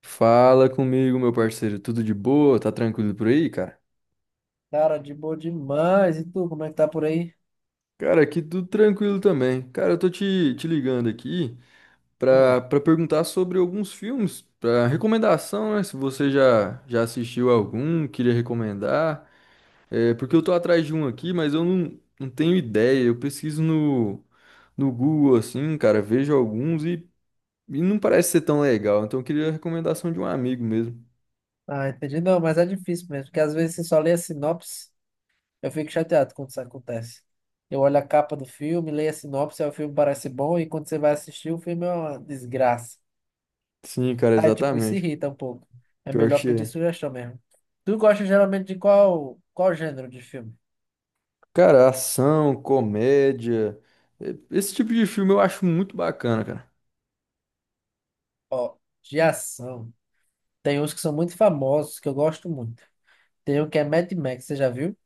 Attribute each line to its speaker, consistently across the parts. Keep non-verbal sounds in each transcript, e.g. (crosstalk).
Speaker 1: Fala comigo, meu parceiro. Tudo de boa? Tá tranquilo por aí, cara?
Speaker 2: Cara, de boa demais. E tu, como é que tá por aí?
Speaker 1: Cara, aqui tudo tranquilo também. Cara, eu tô te ligando aqui pra,
Speaker 2: Hum.
Speaker 1: pra perguntar sobre alguns filmes, pra recomendação, né? Se você já assistiu algum, queria recomendar. É, porque eu tô atrás de um aqui, mas eu não tenho ideia. Eu pesquiso no Google, assim, cara, vejo alguns e não parece ser tão legal. Então eu queria a recomendação de um amigo mesmo.
Speaker 2: Ah, entendi. Não, mas é difícil mesmo, porque às vezes você só lê a sinopse, eu fico chateado quando isso acontece. Eu olho a capa do filme, leio a sinopse, aí o filme parece bom, e quando você vai assistir, o filme é uma desgraça.
Speaker 1: Sim, cara,
Speaker 2: Aí, tipo, isso
Speaker 1: exatamente.
Speaker 2: irrita um pouco. É
Speaker 1: Pior
Speaker 2: melhor
Speaker 1: que
Speaker 2: pedir
Speaker 1: é.
Speaker 2: sugestão mesmo. Tu gosta geralmente de qual gênero de filme?
Speaker 1: Cara, ação, comédia, esse tipo de filme eu acho muito bacana, cara.
Speaker 2: Ó, de ação. Tem uns que são muito famosos, que eu gosto muito. Tem um que é Mad Max, você já viu?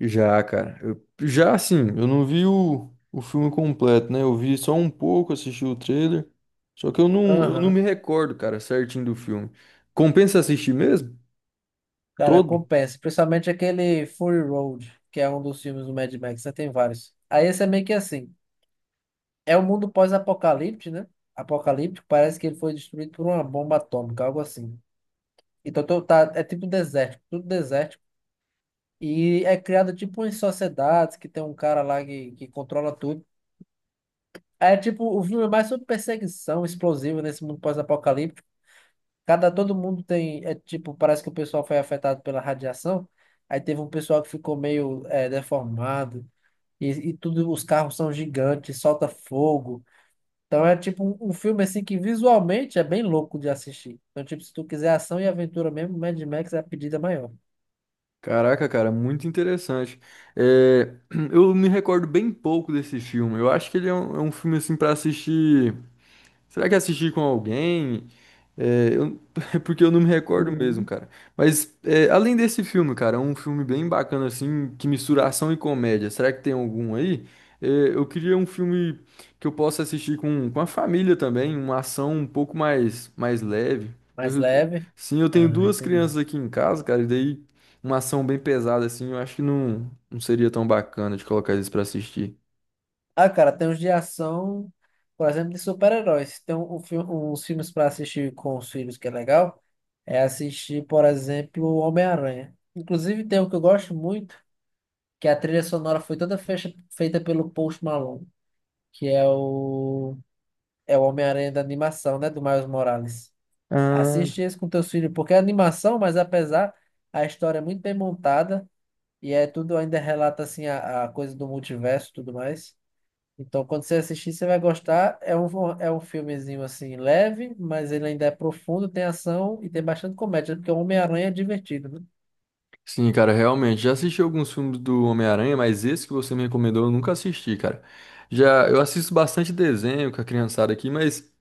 Speaker 1: Já, cara. Eu, já assim, eu não vi o filme completo, né? Eu vi só um pouco, assisti o trailer. Só que eu não me
Speaker 2: Aham.
Speaker 1: recordo, cara, certinho do filme. Compensa assistir mesmo?
Speaker 2: Cara,
Speaker 1: Todo?
Speaker 2: compensa. Principalmente aquele Fury Road, que é um dos filmes do Mad Max, né? Tem vários. Aí esse é meio que assim. É um mundo pós-apocalipse, né? Apocalíptico, parece que ele foi destruído por uma bomba atômica, algo assim. Então tá, é tipo desértico, tudo desértico. E é criado tipo em sociedades que tem um cara lá que controla tudo. Aí é tipo, o filme é mais sobre perseguição explosiva nesse mundo pós-apocalíptico. Cada Todo mundo tem, é tipo, parece que o pessoal foi afetado pela radiação. Aí teve um pessoal que ficou meio deformado, e tudo, os carros são gigantes, solta fogo. Então é tipo um filme assim que visualmente é bem louco de assistir. Então, tipo, se tu quiser ação e aventura mesmo, Mad Max é a pedida maior.
Speaker 1: Caraca, cara, muito interessante. Eh, (clears throat) eu me recordo bem pouco desse filme. Eu acho que ele é um filme assim pra assistir. Será que é assistir com alguém? É, eu- (laughs) porque eu não me recordo mesmo,
Speaker 2: Uhum.
Speaker 1: cara. Mas é, além desse filme, cara, é um filme bem bacana, assim, que mistura ação e comédia. Será que tem algum aí? É, eu queria um filme que eu possa assistir com a família também, uma ação um pouco mais leve.
Speaker 2: Mais
Speaker 1: Eu-
Speaker 2: leve.
Speaker 1: sim, eu tenho
Speaker 2: Ah,
Speaker 1: duas
Speaker 2: entendi.
Speaker 1: crianças aqui em casa, cara, e daí uma ação bem pesada, assim, eu acho que não seria tão bacana de colocar eles pra assistir.
Speaker 2: Ah, cara, tem uns de ação, por exemplo, de super-heróis. Tem uns filmes para assistir com os filhos que é legal. É assistir, por exemplo, Homem-Aranha. Inclusive, tem um que eu gosto muito, que a trilha sonora foi toda feita pelo Post Malone, que é o Homem-Aranha da animação, né, do Miles Morales.
Speaker 1: Ah,
Speaker 2: Assiste esse com teus filhos, porque é animação, mas apesar, a história é muito bem montada e é tudo ainda relata assim a coisa do multiverso e tudo mais. Então, quando você assistir, você vai gostar. É um filmezinho assim leve, mas ele ainda é profundo, tem ação e tem bastante comédia, né? Porque o Homem-Aranha é divertido, né?
Speaker 1: sim, cara, realmente. Já assisti alguns filmes do Homem-Aranha, mas esse que você me recomendou eu nunca assisti, cara. Já eu assisto bastante desenho com a criançada aqui, mas,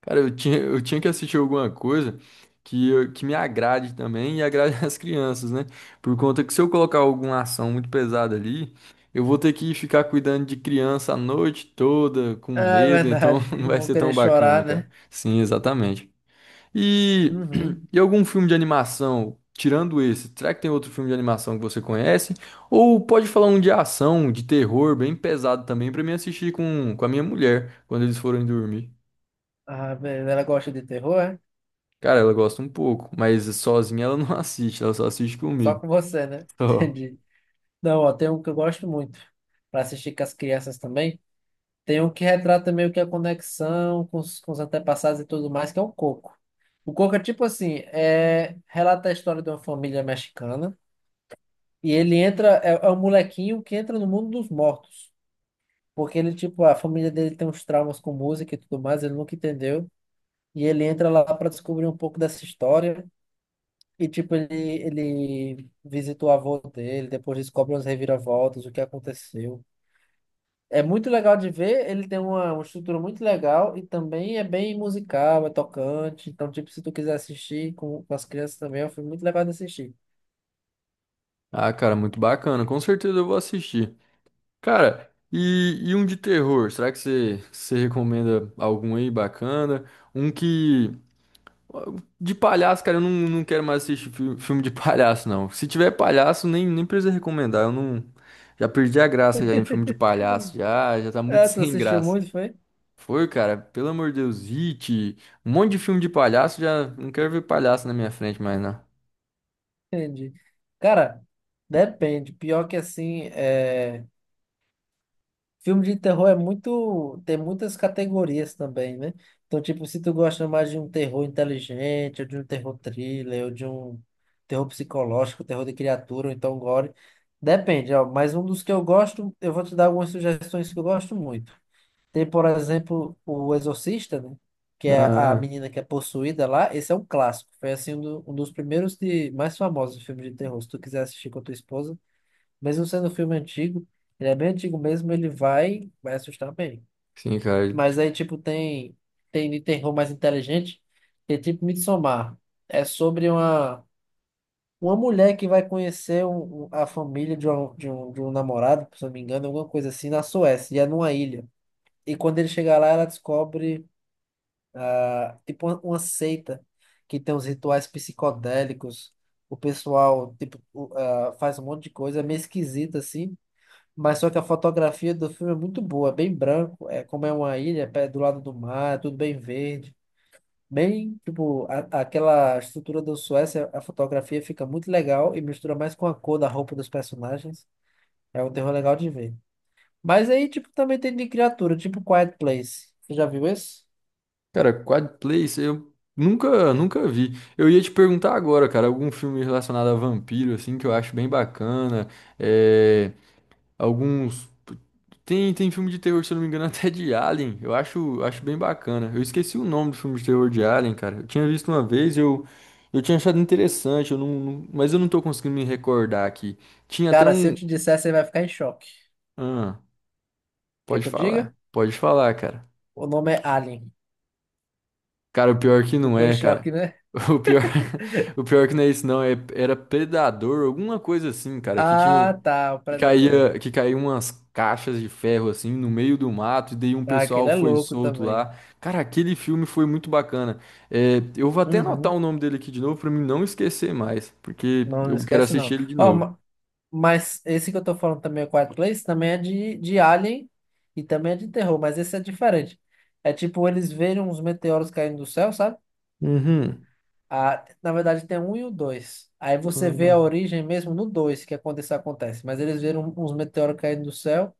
Speaker 1: cara, eu tinha que assistir alguma coisa que, eu- que me agrade também e agrade (laughs) as crianças, né? Por conta que se eu colocar alguma ação muito pesada ali, eu vou ter que ficar cuidando de criança a noite toda, com
Speaker 2: Ah, é
Speaker 1: medo, então
Speaker 2: verdade.
Speaker 1: (laughs) não
Speaker 2: (laughs)
Speaker 1: vai
Speaker 2: Vão
Speaker 1: ser
Speaker 2: querer
Speaker 1: tão bacana,
Speaker 2: chorar,
Speaker 1: cara.
Speaker 2: né?
Speaker 1: Sim, exatamente. E,
Speaker 2: Uhum.
Speaker 1: (clears throat) e algum filme de animação, tirando esse, será que tem outro filme de animação que você conhece? Ou pode falar um de ação, de terror, bem pesado também, pra mim assistir com a minha mulher quando eles forem dormir.
Speaker 2: Ah, beleza. Ela gosta de terror, é?
Speaker 1: Cara, ela gosta um pouco, mas sozinha ela não (laughs) assiste, ela só assiste
Speaker 2: Só
Speaker 1: comigo.
Speaker 2: com você, né? (laughs)
Speaker 1: Só.
Speaker 2: Entendi. Não, ó, tem um que eu gosto muito, para assistir com as crianças também. Tem um que retrata meio que a conexão com os antepassados e tudo mais, que é o Coco. O Coco é tipo assim, é, relata a história de uma família mexicana. E ele entra, é, é um molequinho que entra no mundo dos mortos. Porque ele, tipo, a família dele tem uns traumas com música e tudo mais, ele nunca entendeu. E ele entra lá para descobrir um pouco dessa história. E, tipo, ele visita o avô dele, depois descobre umas reviravoltas, o que aconteceu. É muito legal de ver, ele tem uma estrutura muito legal e também é bem musical, é tocante. Então, tipo, se tu quiser assistir com as crianças também, é um filme muito legal de assistir.
Speaker 1: Ah, cara, muito bacana, com certeza eu vou assistir. Cara, e um de terror, será que você recomenda algum aí bacana? Um que. De palhaço, cara, eu não quero mais assistir filme de palhaço, não. Se tiver palhaço, nem precisa recomendar. Eu não. Já perdi a graça já em filme de palhaço. Já tá muito (laughs)
Speaker 2: É, tu
Speaker 1: sem
Speaker 2: assistiu
Speaker 1: graça.
Speaker 2: muito, foi?
Speaker 1: Foi, cara, pelo amor de Deus, It, um monte de filme de palhaço, já não quero ver palhaço na minha frente mais, não.
Speaker 2: Entendi. Cara, depende. Pior que assim, é... filme de terror é muito. Tem muitas categorias também, né? Então, tipo, se tu gosta mais de um terror inteligente, ou de um terror thriller, ou de um terror psicológico, terror de criatura, ou então gore. Depende, ó. Mas um dos que eu gosto, eu vou te dar algumas sugestões que eu gosto muito. Tem, por exemplo, o Exorcista, né? Que é a
Speaker 1: Ah,
Speaker 2: menina que é possuída lá. Esse é um clássico. Foi assim um dos primeiros de mais famosos de filme de terror. Se tu quiser assistir com a tua esposa, mesmo sendo um filme antigo, ele é bem antigo mesmo, ele vai, vai assustar bem.
Speaker 1: sim, cara.
Speaker 2: Mas aí, tipo, tem de terror mais inteligente, que é tipo Midsommar. É sobre uma mulher que vai conhecer a família de um namorado, se eu não me engano, alguma coisa assim, na Suécia, e é numa ilha. E quando ele chegar lá, ela descobre tipo uma seita que tem os rituais psicodélicos. O pessoal tipo faz um monte de coisa, é meio esquisito assim. Mas só que a fotografia do filme é muito boa, é bem branco, é como é uma ilha, é do lado do mar, é tudo bem verde, bem tipo aquela estrutura do Suécia, a fotografia fica muito legal e mistura mais com a cor da roupa dos personagens. É um terror legal de ver. Mas aí tipo também tem de criatura, tipo Quiet Place. Você já viu esse?
Speaker 1: Cara, Quad Place, eu nunca vi. Eu ia te perguntar agora, cara, algum filme relacionado a vampiro, assim, que eu acho bem bacana. É. Alguns. Tem filme de terror, se eu não me engano, (laughs) até de Alien. Eu acho bem bacana. Eu esqueci o nome do filme de terror de Alien, cara. Eu tinha visto uma vez, eu tinha achado interessante, eu mas eu não tô conseguindo me recordar aqui. Tinha até
Speaker 2: Cara, se eu
Speaker 1: um.
Speaker 2: te disser, você vai ficar em choque.
Speaker 1: Ah,
Speaker 2: Quer
Speaker 1: pode
Speaker 2: que eu
Speaker 1: falar.
Speaker 2: diga?
Speaker 1: Pode falar, cara.
Speaker 2: O nome é Alien.
Speaker 1: Cara, o pior que não
Speaker 2: Ficou em
Speaker 1: é, cara.
Speaker 2: choque, né?
Speaker 1: O pior, (laughs) o pior que não é isso, não. É, era Predador, alguma coisa assim, cara, que tinha.
Speaker 2: Ah, tá, o
Speaker 1: Que
Speaker 2: Predador.
Speaker 1: caía, que caía umas caixas de ferro assim no meio do mato, e daí um
Speaker 2: Ah, aquele
Speaker 1: pessoal
Speaker 2: é
Speaker 1: foi
Speaker 2: louco
Speaker 1: solto
Speaker 2: também.
Speaker 1: lá. Cara, aquele filme foi muito bacana. É, eu vou até anotar
Speaker 2: Uhum.
Speaker 1: o nome dele aqui de novo pra mim não esquecer mais, porque
Speaker 2: Não, não
Speaker 1: eu quero
Speaker 2: esquece, não.
Speaker 1: assistir ele de
Speaker 2: Ó,
Speaker 1: novo.
Speaker 2: mas esse que eu tô falando também, o Quiet Place, também é de Alien e também é de terror, mas esse é diferente. É tipo eles verem uns meteoros caindo do céu, sabe?
Speaker 1: Uhum.
Speaker 2: Ah, na verdade, tem um e o dois. Aí você vê a origem mesmo no dois que acontece, acontece. Mas eles viram um, uns meteoros caindo do céu.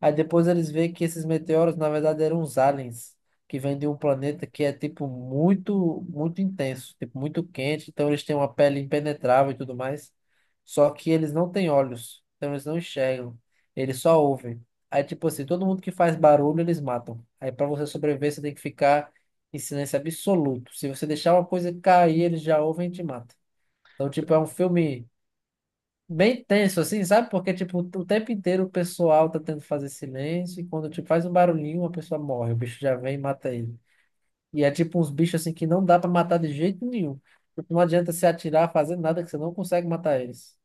Speaker 2: Aí depois eles veem que esses meteoros, na verdade, eram uns aliens que vêm de um planeta que é, tipo, muito, muito intenso, tipo, muito quente. Então eles têm uma pele impenetrável e tudo mais. Só que eles não têm olhos. Então eles não enxergam. Eles só ouvem. Aí, tipo assim, todo mundo que faz barulho, eles matam. Aí, pra você sobreviver, você tem que ficar em silêncio absoluto. Se você deixar uma coisa cair, eles já ouvem e te matam. Então, tipo, é um filme bem tenso, assim, sabe? Porque, tipo, o tempo inteiro o pessoal tá tentando fazer silêncio e quando, tipo, faz um barulhinho, a pessoa morre. O bicho já vem e mata ele. E é tipo uns bichos, assim, que não dá pra matar de jeito nenhum. Tipo, não adianta se atirar, fazer nada que você não consegue matar eles.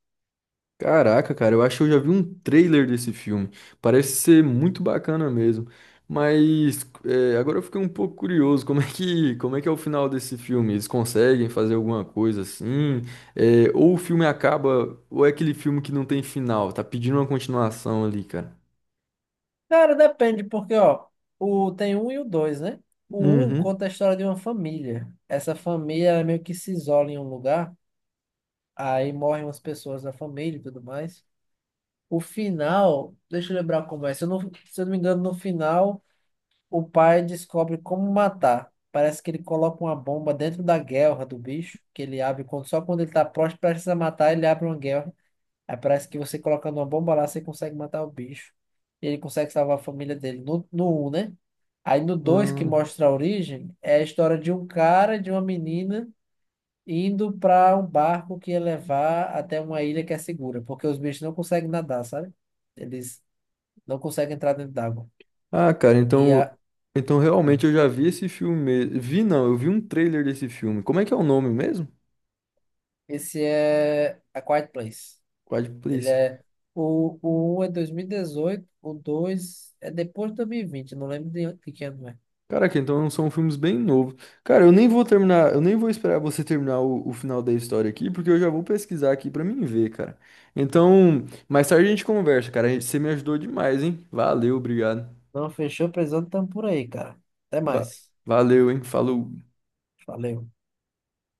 Speaker 1: Caraca, cara, eu acho que eu já vi um trailer desse filme. Parece ser muito bacana mesmo. Mas é, agora eu fiquei um pouco curioso, como é que é o final desse filme? Eles conseguem fazer alguma coisa assim? É, ou o filme acaba, ou é aquele filme que não tem final, tá pedindo uma continuação ali, cara.
Speaker 2: Cara, depende, porque, ó, tem um e o dois, né? O um
Speaker 1: Uhum.
Speaker 2: conta a história de uma família. Essa família ela meio que se isola em um lugar. Aí morrem umas pessoas da família e tudo mais. O final, deixa eu lembrar como é. Se eu não me engano, no final, o pai descobre como matar. Parece que ele coloca uma bomba dentro da guelra do bicho, que ele abre quando, só quando ele tá próximo, precisa matar, ele abre uma guelra. Aí parece que você colocando uma bomba lá, você consegue matar o bicho. E ele consegue salvar a família dele no um, né? Aí no dois que
Speaker 1: Hum.
Speaker 2: mostra a origem, é a história de um cara, e de uma menina indo para um barco que ia levar até uma ilha que é segura, porque os bichos não conseguem nadar, sabe? Eles não conseguem entrar dentro d'água.
Speaker 1: Ah, cara,
Speaker 2: E a,
Speaker 1: então, então realmente eu já vi esse filme mesmo. Vi não, eu vi um trailer desse filme. Como é que é o nome mesmo?
Speaker 2: esse é A Quiet Place.
Speaker 1: Quiet
Speaker 2: Ele
Speaker 1: Place.
Speaker 2: é o 1 é 2018, o 2 é depois de 2020, não lembro de que ano é.
Speaker 1: Caraca, então são filmes bem novos. Cara, eu nem vou terminar, eu nem vou esperar você terminar o final da história aqui, porque eu já vou pesquisar aqui pra mim ver, cara. Então, mais tarde a gente conversa, cara. A gente- Você me ajudou demais, hein? Valeu, obrigado.
Speaker 2: Não fechou, precisando, estamos por aí, cara. Até
Speaker 1: Va-
Speaker 2: mais.
Speaker 1: Valeu, hein? Falou.
Speaker 2: Valeu.